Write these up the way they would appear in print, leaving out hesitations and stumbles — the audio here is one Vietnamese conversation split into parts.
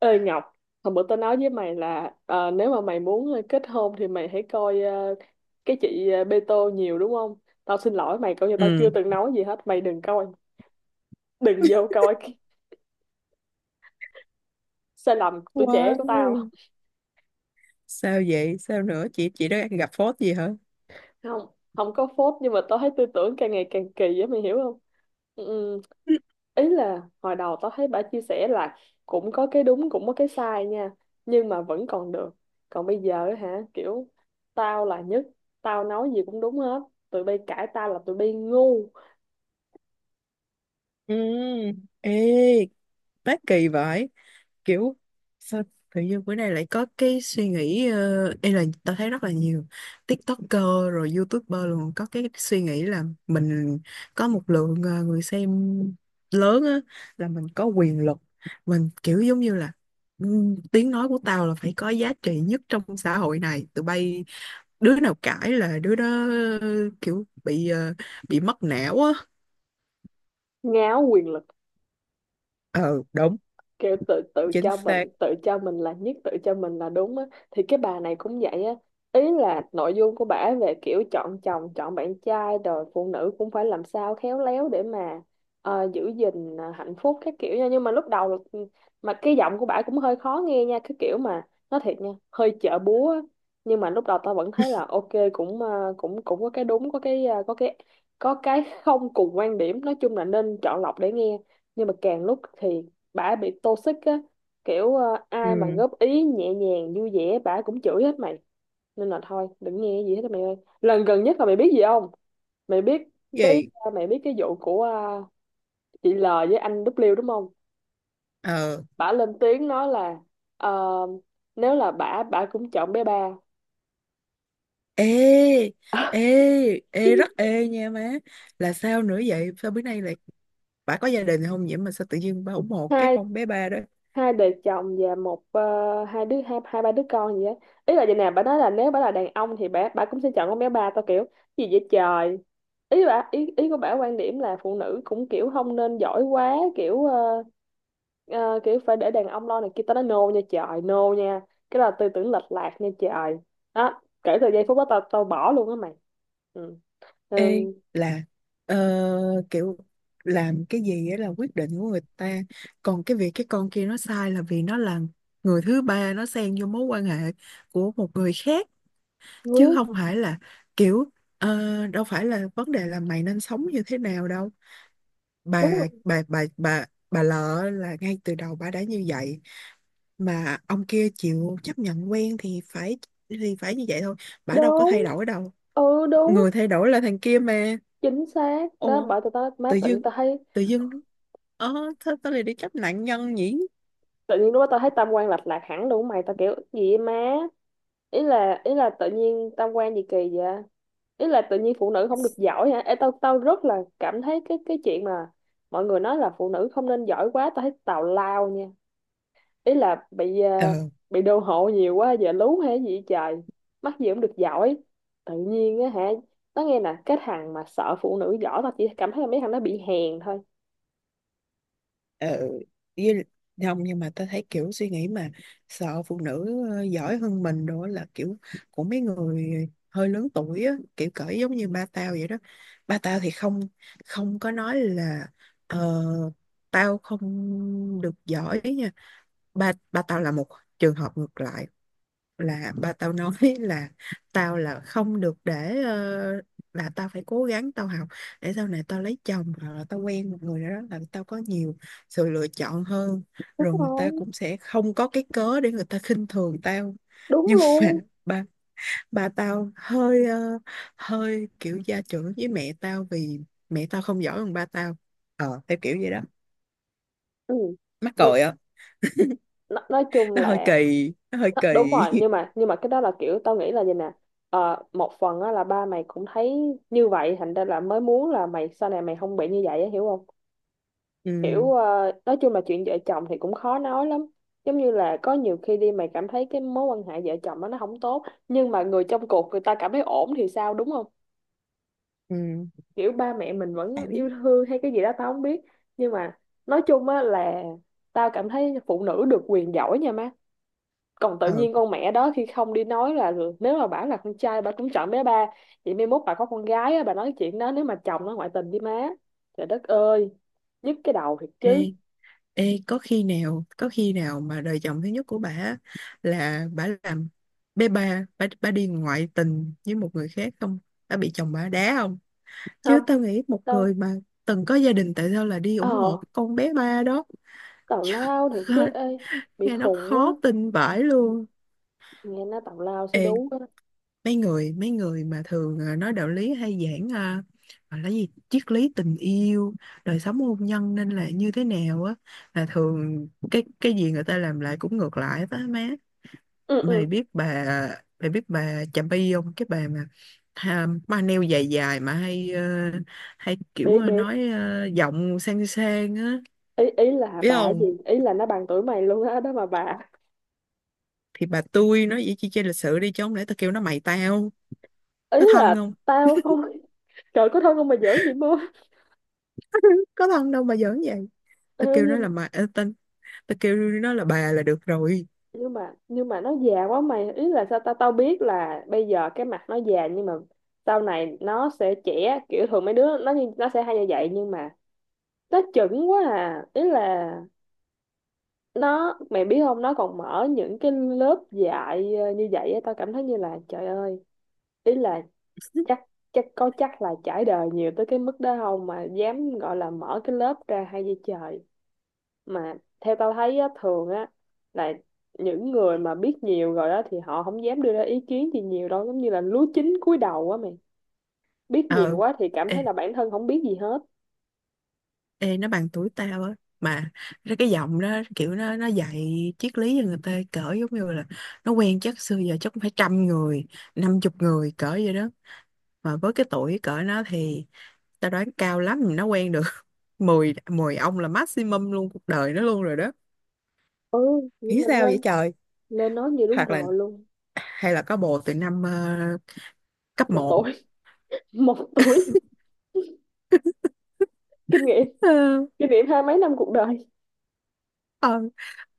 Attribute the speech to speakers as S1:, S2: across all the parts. S1: Ê Ngọc, hồi bữa tao nói với mày là nếu mà mày muốn kết hôn thì mày hãy coi cái chị Bê Tô nhiều đúng không? Tao xin lỗi mày, coi như tao chưa
S2: Ừ.
S1: từng nói gì hết, mày đừng coi, đừng vô coi cái sai lầm tuổi trẻ của tao.
S2: Wow. Sao vậy, sao nữa? Chị đã gặp phốt gì hả?
S1: Không, không có phốt nhưng mà tao thấy tư tưởng càng ngày càng kỳ á, mày hiểu không? Ừ, ừ. Ý là hồi đầu tao thấy bà chia sẻ là cũng có cái đúng cũng có cái sai nha, nhưng mà vẫn còn được. Còn bây giờ á hả, kiểu tao là nhất, tao nói gì cũng đúng hết, tụi bay cãi tao là tụi bay ngu.
S2: Ừ. Ê, bác kỳ vậy, kiểu sao tự nhiên bữa nay lại có cái suy nghĩ, ê là tao thấy rất là nhiều TikToker rồi YouTuber luôn có cái suy nghĩ là mình có một lượng người xem lớn á, là mình có quyền lực, mình kiểu giống như là ừ, tiếng nói của tao là phải có giá trị nhất trong xã hội này. Tụi bay, đứa nào cãi là đứa đó kiểu bị mất não á.
S1: Ngáo quyền lực,
S2: Ờ, đúng.
S1: kiểu tự tự
S2: Chính
S1: cho mình,
S2: xác.
S1: tự cho mình là nhất, tự cho mình là đúng á. Thì cái bà này cũng vậy á, ý là nội dung của bả về kiểu chọn chồng, chọn bạn trai rồi phụ nữ cũng phải làm sao khéo léo để mà giữ gìn hạnh phúc các kiểu nha, nhưng mà mà cái giọng của bả cũng hơi khó nghe nha, cái kiểu mà nói thiệt nha, hơi chợ búa á. Nhưng mà lúc đầu tao vẫn thấy là ok, cũng cũng cũng có cái đúng, có cái có cái không cùng quan điểm, nói chung là nên chọn lọc để nghe. Nhưng mà càng lúc thì bả bị toxic á, kiểu ai mà
S2: Ừ.
S1: góp ý nhẹ nhàng vui vẻ bả cũng chửi hết mày. Nên là thôi đừng nghe gì hết á mày ơi. Lần gần nhất là mày biết gì không, mày biết cái
S2: Vậy.
S1: mày biết cái vụ của chị L với anh W đúng không?
S2: Ờ.
S1: Bả lên tiếng nói là ờ, nếu là bả bả cũng chọn bé ba.
S2: Ê, ê, ê rất ê nha má! Là sao nữa vậy, sao bữa nay lại bà có gia đình không vậy mà sao tự nhiên bà ủng hộ cái
S1: hai
S2: con bé ba đó?
S1: hai đời chồng và hai đứa, hai hai ba đứa con gì á. Ý là vậy nè, bà nói là nếu bà là đàn ông thì bà cũng sẽ chọn con bé ba. Tao kiểu gì vậy trời. Ý của bà, quan điểm là phụ nữ cũng kiểu không nên giỏi quá, kiểu kiểu phải để đàn ông lo này kia. Tao nói nô nha trời, nô nha. Cái là tư tưởng lệch lạc nha trời. Đó, kể từ giây phút đó tao tao bỏ luôn á mày. Ừ.
S2: Ê,
S1: Ừ.
S2: là ờ, kiểu làm cái gì á là quyết định của người ta. Còn cái việc cái con kia nó sai là vì nó là người thứ ba, nó xen vô mối quan hệ của một người khác, chứ
S1: Ừ,
S2: không phải là kiểu, ờ, đâu phải là vấn đề là mày nên sống như thế nào đâu.
S1: đúng
S2: bà
S1: rồi.
S2: bà bà bà bà lợ là ngay từ đầu bà đã như vậy mà ông kia chịu chấp nhận quen, thì phải như vậy thôi, bà đâu có
S1: Đúng,
S2: thay đổi đâu.
S1: ừ, đúng,
S2: Người thay đổi là thằng kia mà.
S1: chính xác đó.
S2: Ồ.
S1: Bởi tụi tao má,
S2: Tự
S1: tự
S2: dưng,
S1: tao thấy
S2: tự dưng, ờ thôi tao lại đi chấp nạn nhân nhỉ.
S1: tự nhiên lúc đó tao thấy tam quan lệch lạc hẳn luôn mày. Tao kiểu gì vậy má. Ý là tự nhiên tam quan gì kỳ vậy. Ý là tự nhiên phụ nữ không được giỏi hả? Ê, tao tao rất là cảm thấy cái chuyện mà mọi người nói là phụ nữ không nên giỏi quá, tao thấy tào lao nha. Ý là bị
S2: Ờ.
S1: bị đô hộ nhiều quá giờ lú hay gì vậy trời. Mắc gì cũng được giỏi tự nhiên á hả. Tao nghe nè, cái thằng mà sợ phụ nữ giỏi, tao chỉ cảm thấy là mấy thằng nó bị hèn thôi.
S2: Ừ, với, không, nhưng mà ta thấy kiểu suy nghĩ mà sợ phụ nữ giỏi hơn mình đó là kiểu của mấy người hơi lớn tuổi á, kiểu cỡ giống như ba tao vậy đó. Ba tao thì không không có nói là ờ, tao không được giỏi nha. Ba ba tao là một trường hợp ngược lại, là ba tao nói là tao là không được để, là tao phải cố gắng tao học để sau này tao lấy chồng hoặc là tao quen một người nào đó là tao có nhiều sự lựa chọn hơn,
S1: Đúng
S2: rồi người
S1: rồi.
S2: ta cũng sẽ không có cái cớ để người ta khinh thường tao.
S1: Đúng
S2: Nhưng mà
S1: luôn.
S2: ba ba tao hơi kiểu gia trưởng với mẹ tao vì mẹ tao không giỏi bằng ba tao, theo kiểu vậy đó.
S1: Ừ.
S2: Mắc cười á.
S1: nói, nói chung
S2: Nó hơi
S1: là
S2: kỳ, nó hơi
S1: Đó, đúng
S2: kỳ.
S1: rồi, nhưng mà nhưng mà cái đó là kiểu tao nghĩ là gì nè. Ờ, một phần á, là ba mày cũng thấy như vậy thành ra là mới muốn là mày sau này mày không bị như vậy á hiểu không.
S2: Ừ,
S1: Kiểu nói chung là chuyện vợ chồng thì cũng khó nói lắm. Giống như là có nhiều khi đi, mày cảm thấy cái mối quan hệ vợ chồng đó nó không tốt, nhưng mà người trong cuộc người ta cảm thấy ổn thì sao, đúng không?
S2: ừ.
S1: Kiểu ba mẹ mình vẫn
S2: Tao biết.
S1: yêu thương hay cái gì đó tao không biết. Nhưng mà nói chung á là tao cảm thấy phụ nữ được quyền giỏi nha má. Còn tự
S2: Ừ.
S1: nhiên con mẹ đó khi không đi nói là được. Nếu mà bảo là con trai bà cũng chọn bé ba, vậy mai mốt bà có con gái á, bà nói chuyện đó nếu mà chồng nó ngoại tình với má. Trời đất ơi, nhức cái đầu thiệt chứ.
S2: Ê. Ê, có khi nào mà đời chồng thứ nhất của bà là bà làm bé ba, bà đi ngoại tình với một người khác không? Bà bị chồng bà đá không?
S1: Không.
S2: Chứ tao nghĩ một người
S1: Tao
S2: mà từng có gia đình tại sao là đi ủng
S1: ờ
S2: hộ cái con bé ba đó.
S1: tào
S2: Chứ
S1: lao thiệt chứ ê, bị
S2: nghe nó
S1: khùng á,
S2: khó tin vãi luôn.
S1: nghe nó tào lao xí
S2: Ê,
S1: đú á.
S2: mấy người, mấy người mà thường nói đạo lý hay giảng, gọi là gì, triết lý tình yêu, đời sống hôn nhân nên là như thế nào á, là thường cái gì người ta làm lại cũng ngược lại đó má.
S1: Ừ,
S2: mày
S1: ừ.
S2: biết bà mày biết bà Chàm Bi không, cái bà mà à, ma neo dài dài mà hay kiểu,
S1: Biết, biết.
S2: nói, giọng sang sang á?
S1: Ý ý là
S2: Biết
S1: bà gì,
S2: không?
S1: ý là nó bằng tuổi mày luôn á đó mà bà.
S2: Thì bà tôi nói vậy chi, chơi lịch sự đi, chứ không lẽ tao kêu nó mày tao,
S1: Ý
S2: có thân
S1: là
S2: không?
S1: tao không. Trời, có thân không mà giỡn vậy mơ?
S2: Có thân đâu mà giỡn vậy.
S1: Ê,
S2: Tao kêu nó
S1: nhưng
S2: là mày, tên, tao kêu nó là bà là được rồi.
S1: nhưng mà nhưng mà nó già quá mày. Ý là sao, tao tao biết là bây giờ cái mặt nó già nhưng mà sau này nó sẽ trẻ, kiểu thường mấy đứa nó như nó sẽ hay như vậy, nhưng mà nó chững quá à. Ý là nó, mày biết không, nó còn mở những cái lớp dạy như vậy á, tao cảm thấy như là trời ơi. Ý là chắc chắc có chắc là trải đời nhiều tới cái mức đó không mà dám gọi là mở cái lớp ra hay gì trời. Mà theo tao thấy á, thường á là những người mà biết nhiều rồi đó thì họ không dám đưa ra ý kiến gì nhiều đâu, giống như là lúa chín cúi đầu á mày. Biết
S2: Ờ.
S1: nhiều quá thì cảm
S2: Ê,
S1: thấy là bản thân không biết gì hết.
S2: ê nó bằng tuổi tao á mà, nó cái giọng đó kiểu nó dạy triết lý cho người ta cỡ giống như là nó quen chắc xưa giờ chắc cũng phải trăm người, năm chục người cỡ vậy đó. Mà với cái tuổi cỡ nó thì tao đoán cao lắm nó quen được mười mười ông là maximum luôn cuộc đời nó luôn rồi đó.
S1: Ừ, vậy
S2: Nghĩ
S1: mà
S2: sao vậy
S1: lên
S2: trời.
S1: lên nói như đúng
S2: Hoặc là
S1: rồi luôn.
S2: hay là có bồ từ năm, cấp
S1: Một
S2: 1.
S1: tuổi. Một tuổi. Kinh nghiệm, kinh nghiệm hai mấy năm cuộc đời.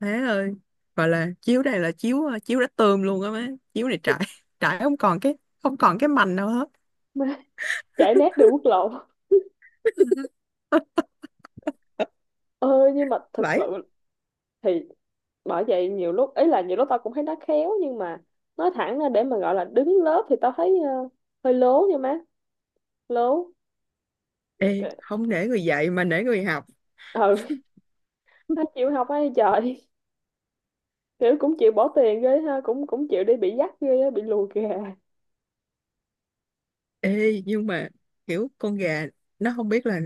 S2: Má ơi, gọi là chiếu này là chiếu đã tươm luôn á má. Chiếu này trải, trải không còn cái, không còn cái mành nào hết.
S1: Mà chạy nát đường quốc lộ. ờ nhưng mà thật sự
S2: Vậy.
S1: thì bởi vậy nhiều lúc ấy là nhiều lúc tao cũng thấy nó khéo, nhưng mà nói thẳng ra để mà gọi là đứng lớp thì tao thấy hơi lố nha má. Lố.
S2: Ê,
S1: Kệ.
S2: không để người dạy mà để người học.
S1: Ừ. Nó chịu học ấy trời. Kiểu cũng chịu bỏ tiền ghê ha, cũng cũng chịu đi bị dắt ghê á, bị lùa kìa.
S2: Ê, nhưng mà kiểu con gà nó không biết là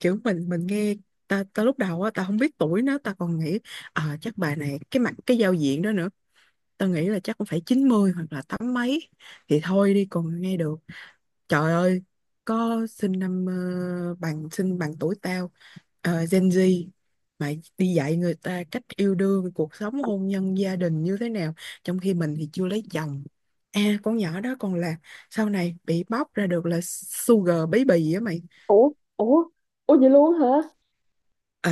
S2: kiểu mình nghe, ta ta lúc đầu á ta không biết tuổi nó, ta còn nghĩ à, chắc bà này cái mặt cái giao diện đó nữa, ta nghĩ là chắc cũng phải 90 hoặc là tám mấy thì thôi đi, còn nghe được. Trời ơi, có sinh năm ờ, bằng sinh bằng tuổi tao, Gen Z, mà đi dạy người ta cách yêu đương, cuộc sống hôn nhân gia đình như thế nào, trong khi mình thì chưa lấy chồng. À, con nhỏ đó còn là sau này bị bóc ra được là sugar baby á mày.
S1: Ủa, ủa, ủa vậy luôn hả?
S2: Ờ.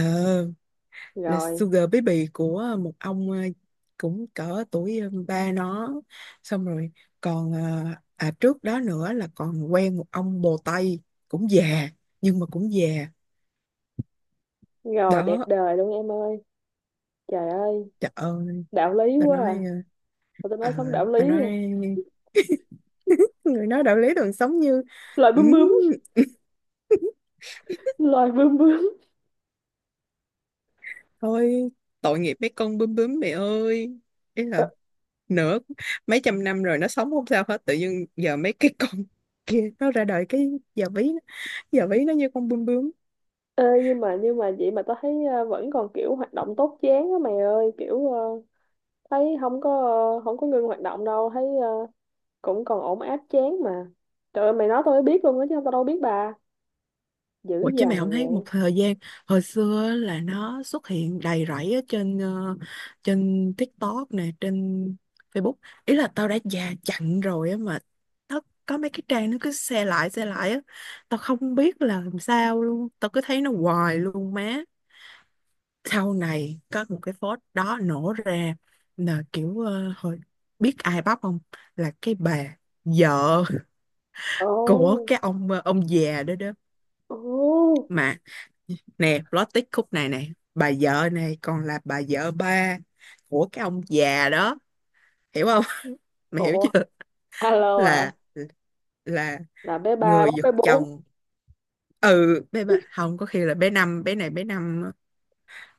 S2: Là
S1: Rồi,
S2: Sugar Baby của, một ông, cũng cỡ tuổi, ba nó, xong rồi còn, à, trước đó nữa là còn quen một ông bồ Tây, cũng già nhưng mà cũng già.
S1: rồi đẹp
S2: Đó.
S1: đời luôn em ơi. Trời ơi,
S2: Trời ơi.
S1: đạo lý
S2: Ta
S1: quá
S2: nói,
S1: à. Mà tao nói sống
S2: à,
S1: đạo lý
S2: ta nói
S1: à.
S2: người nói đạo lý đời sống như
S1: Loài bướm
S2: "Ừm."
S1: bướm, loài bướm bướm.
S2: Thôi, tội nghiệp mấy con bướm bướm mẹ ơi. Ý
S1: Ờ,
S2: là nửa mấy trăm năm rồi nó sống không sao hết, tự nhiên giờ mấy cái con kia nó ra đời cái giờ ví giờ ví nó như con bướm bướm.
S1: ê, nhưng mà vậy mà tao thấy vẫn còn kiểu hoạt động tốt chán á mày ơi, kiểu thấy không có không có ngưng hoạt động đâu, thấy cũng còn ổn áp chán mà. Trời ơi, mày nói tôi mới biết luôn á, chứ tao đâu biết bà dữ
S2: Ủa chứ mày không
S1: dằn
S2: thấy một
S1: vậy.
S2: thời gian hồi xưa á là nó xuất hiện đầy rẫy ở trên TikTok nè, trên Facebook. Ý là tao đã già chặn rồi á mà nó có mấy cái trang nó cứ share lại á, tao không biết là làm sao luôn, tao cứ thấy nó hoài luôn má. Sau này có một cái post đó nổ ra là kiểu, hồi, biết ai bóc không, là cái bà vợ
S1: Ồ,
S2: của cái ông già đó đó
S1: ồ.
S2: mà, nè plot twist khúc này này, bà vợ này còn là bà vợ ba của cái ông già đó, hiểu không? Mày hiểu
S1: Ủa,
S2: chưa?
S1: alo à?
S2: Là là
S1: Là bé ba
S2: người
S1: bóc
S2: giật
S1: bé bốn.
S2: chồng. Ừ, bé ba không, có khi là bé năm, bé này bé năm,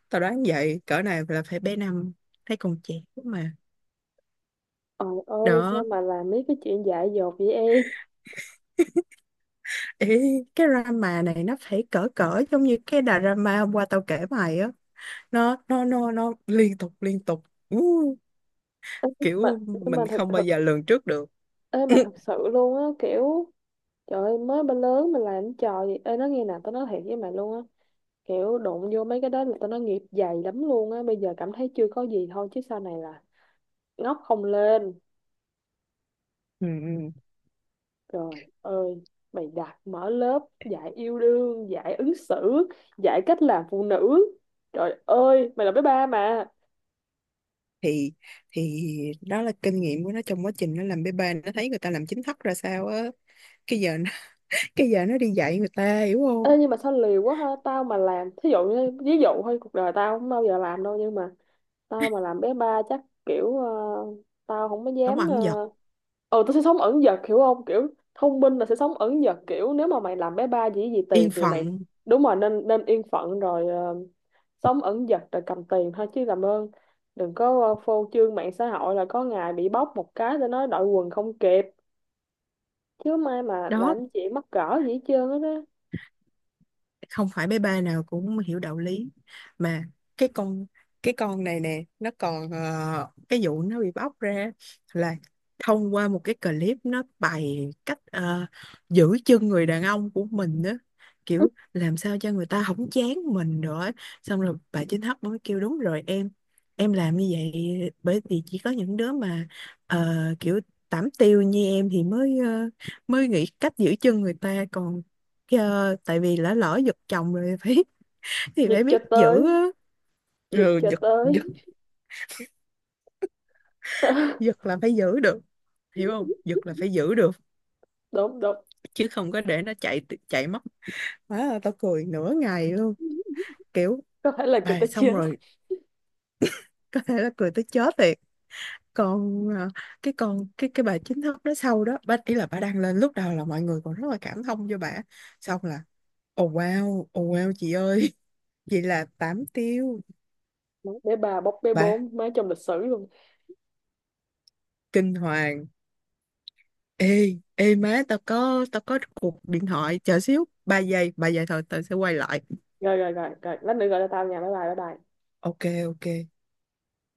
S2: tao đoán vậy, cỡ này là phải bé năm, thấy còn trẻ mà.
S1: Trời ơi, sao
S2: Đó.
S1: mà làm mấy cái chuyện dại dột vậy em.
S2: Ê, cái drama này nó phải cỡ cỡ giống như cái drama hôm qua tao kể mày á, nó liên tục liên tục. Ú,
S1: Mà
S2: kiểu
S1: nhưng mà
S2: mình
S1: thật
S2: không bao
S1: thật
S2: giờ lường trước được.
S1: ê mà thật sự luôn á kiểu, trời ơi mới ba lớn mà làm cái trò gì. Ê, nói nghe nè, tao nói thiệt với mày luôn á, kiểu đụng vô mấy cái đó là tao nói nghiệp dày lắm luôn á. Bây giờ cảm thấy chưa có gì thôi chứ sau này là ngóc không lên.
S2: Ừ, ừ.
S1: Trời ơi, mày đặt mở lớp dạy yêu đương, dạy ứng xử, dạy cách làm phụ nữ. Trời ơi mày là bé ba mà.
S2: thì thì đó là kinh nghiệm của nó trong quá trình nó làm bê bê, nó thấy người ta làm chính thất ra sao á, cái giờ nó, cái giờ nó đi dạy người ta, hiểu không?
S1: Ê, nhưng mà sao liều quá ha. Tao mà làm thí dụ, như ví dụ thôi, cuộc đời tao không bao giờ làm đâu, nhưng mà tao mà làm bé ba chắc kiểu tao không có
S2: Không
S1: dám
S2: ẩn giật.
S1: ừ, tôi sẽ sống ẩn dật hiểu không, kiểu thông minh là sẽ sống ẩn dật, kiểu nếu mà mày làm bé ba gì gì tiền
S2: Yên
S1: thì mày
S2: phận.
S1: đúng rồi, nên nên yên phận rồi sống ẩn dật rồi cầm tiền thôi, chứ làm ơn đừng có phô trương mạng xã hội là có ngày bị bóc một cái để nói đội quần không kịp. Chứ mai mà
S2: Đó,
S1: làm chị mắc cỡ gì hết trơn hết á.
S2: không phải bé ba nào cũng hiểu đạo lý mà. Cái con cái con này nè nó còn, cái vụ nó bị bóc ra là thông qua một cái clip nó bày cách, giữ chân người đàn ông của mình đó, kiểu làm sao cho người ta không chán mình nữa. Xong rồi bà chính hấp mới kêu đúng rồi em làm như vậy bởi vì chỉ có những đứa mà, ờ, kiểu tảm tiêu như em thì mới nghĩ cách giữ chân người ta còn. Ờ, tại vì lỡ lỡ giật chồng rồi, phải, thì
S1: Giật
S2: phải
S1: cho
S2: biết
S1: tới,
S2: giữ á.
S1: giật
S2: Ừ,
S1: cho
S2: giật giật.
S1: tới.
S2: Giật là phải giữ được, hiểu không, giật là phải giữ được,
S1: Đúng, đúng.
S2: chứ không có để nó chạy, chạy mất. Má ơi, tao cười nửa ngày luôn kiểu,
S1: Có thể là người
S2: bà
S1: ta
S2: xong
S1: chết.
S2: rồi, có thể là cười tới chết thiệt. Còn à, cái con cái bà chính thức đó sau đó bà ý là bà đăng lên lúc đầu là mọi người còn rất là cảm thông cho bà, xong là oh wow oh wow chị ơi. Vậy là tám tiêu.
S1: Bé ba bóc bé
S2: Bà
S1: bốn mới trong lịch sử luôn.
S2: kinh hoàng. Ê, ê má, tao có cuộc điện thoại, chờ xíu, 3 giây, 3 giây thôi, tao sẽ quay lại.
S1: Rồi, rồi, rồi, rồi lát nữa gọi cho tao nha. Bye bye bye bye.
S2: Ok, ok.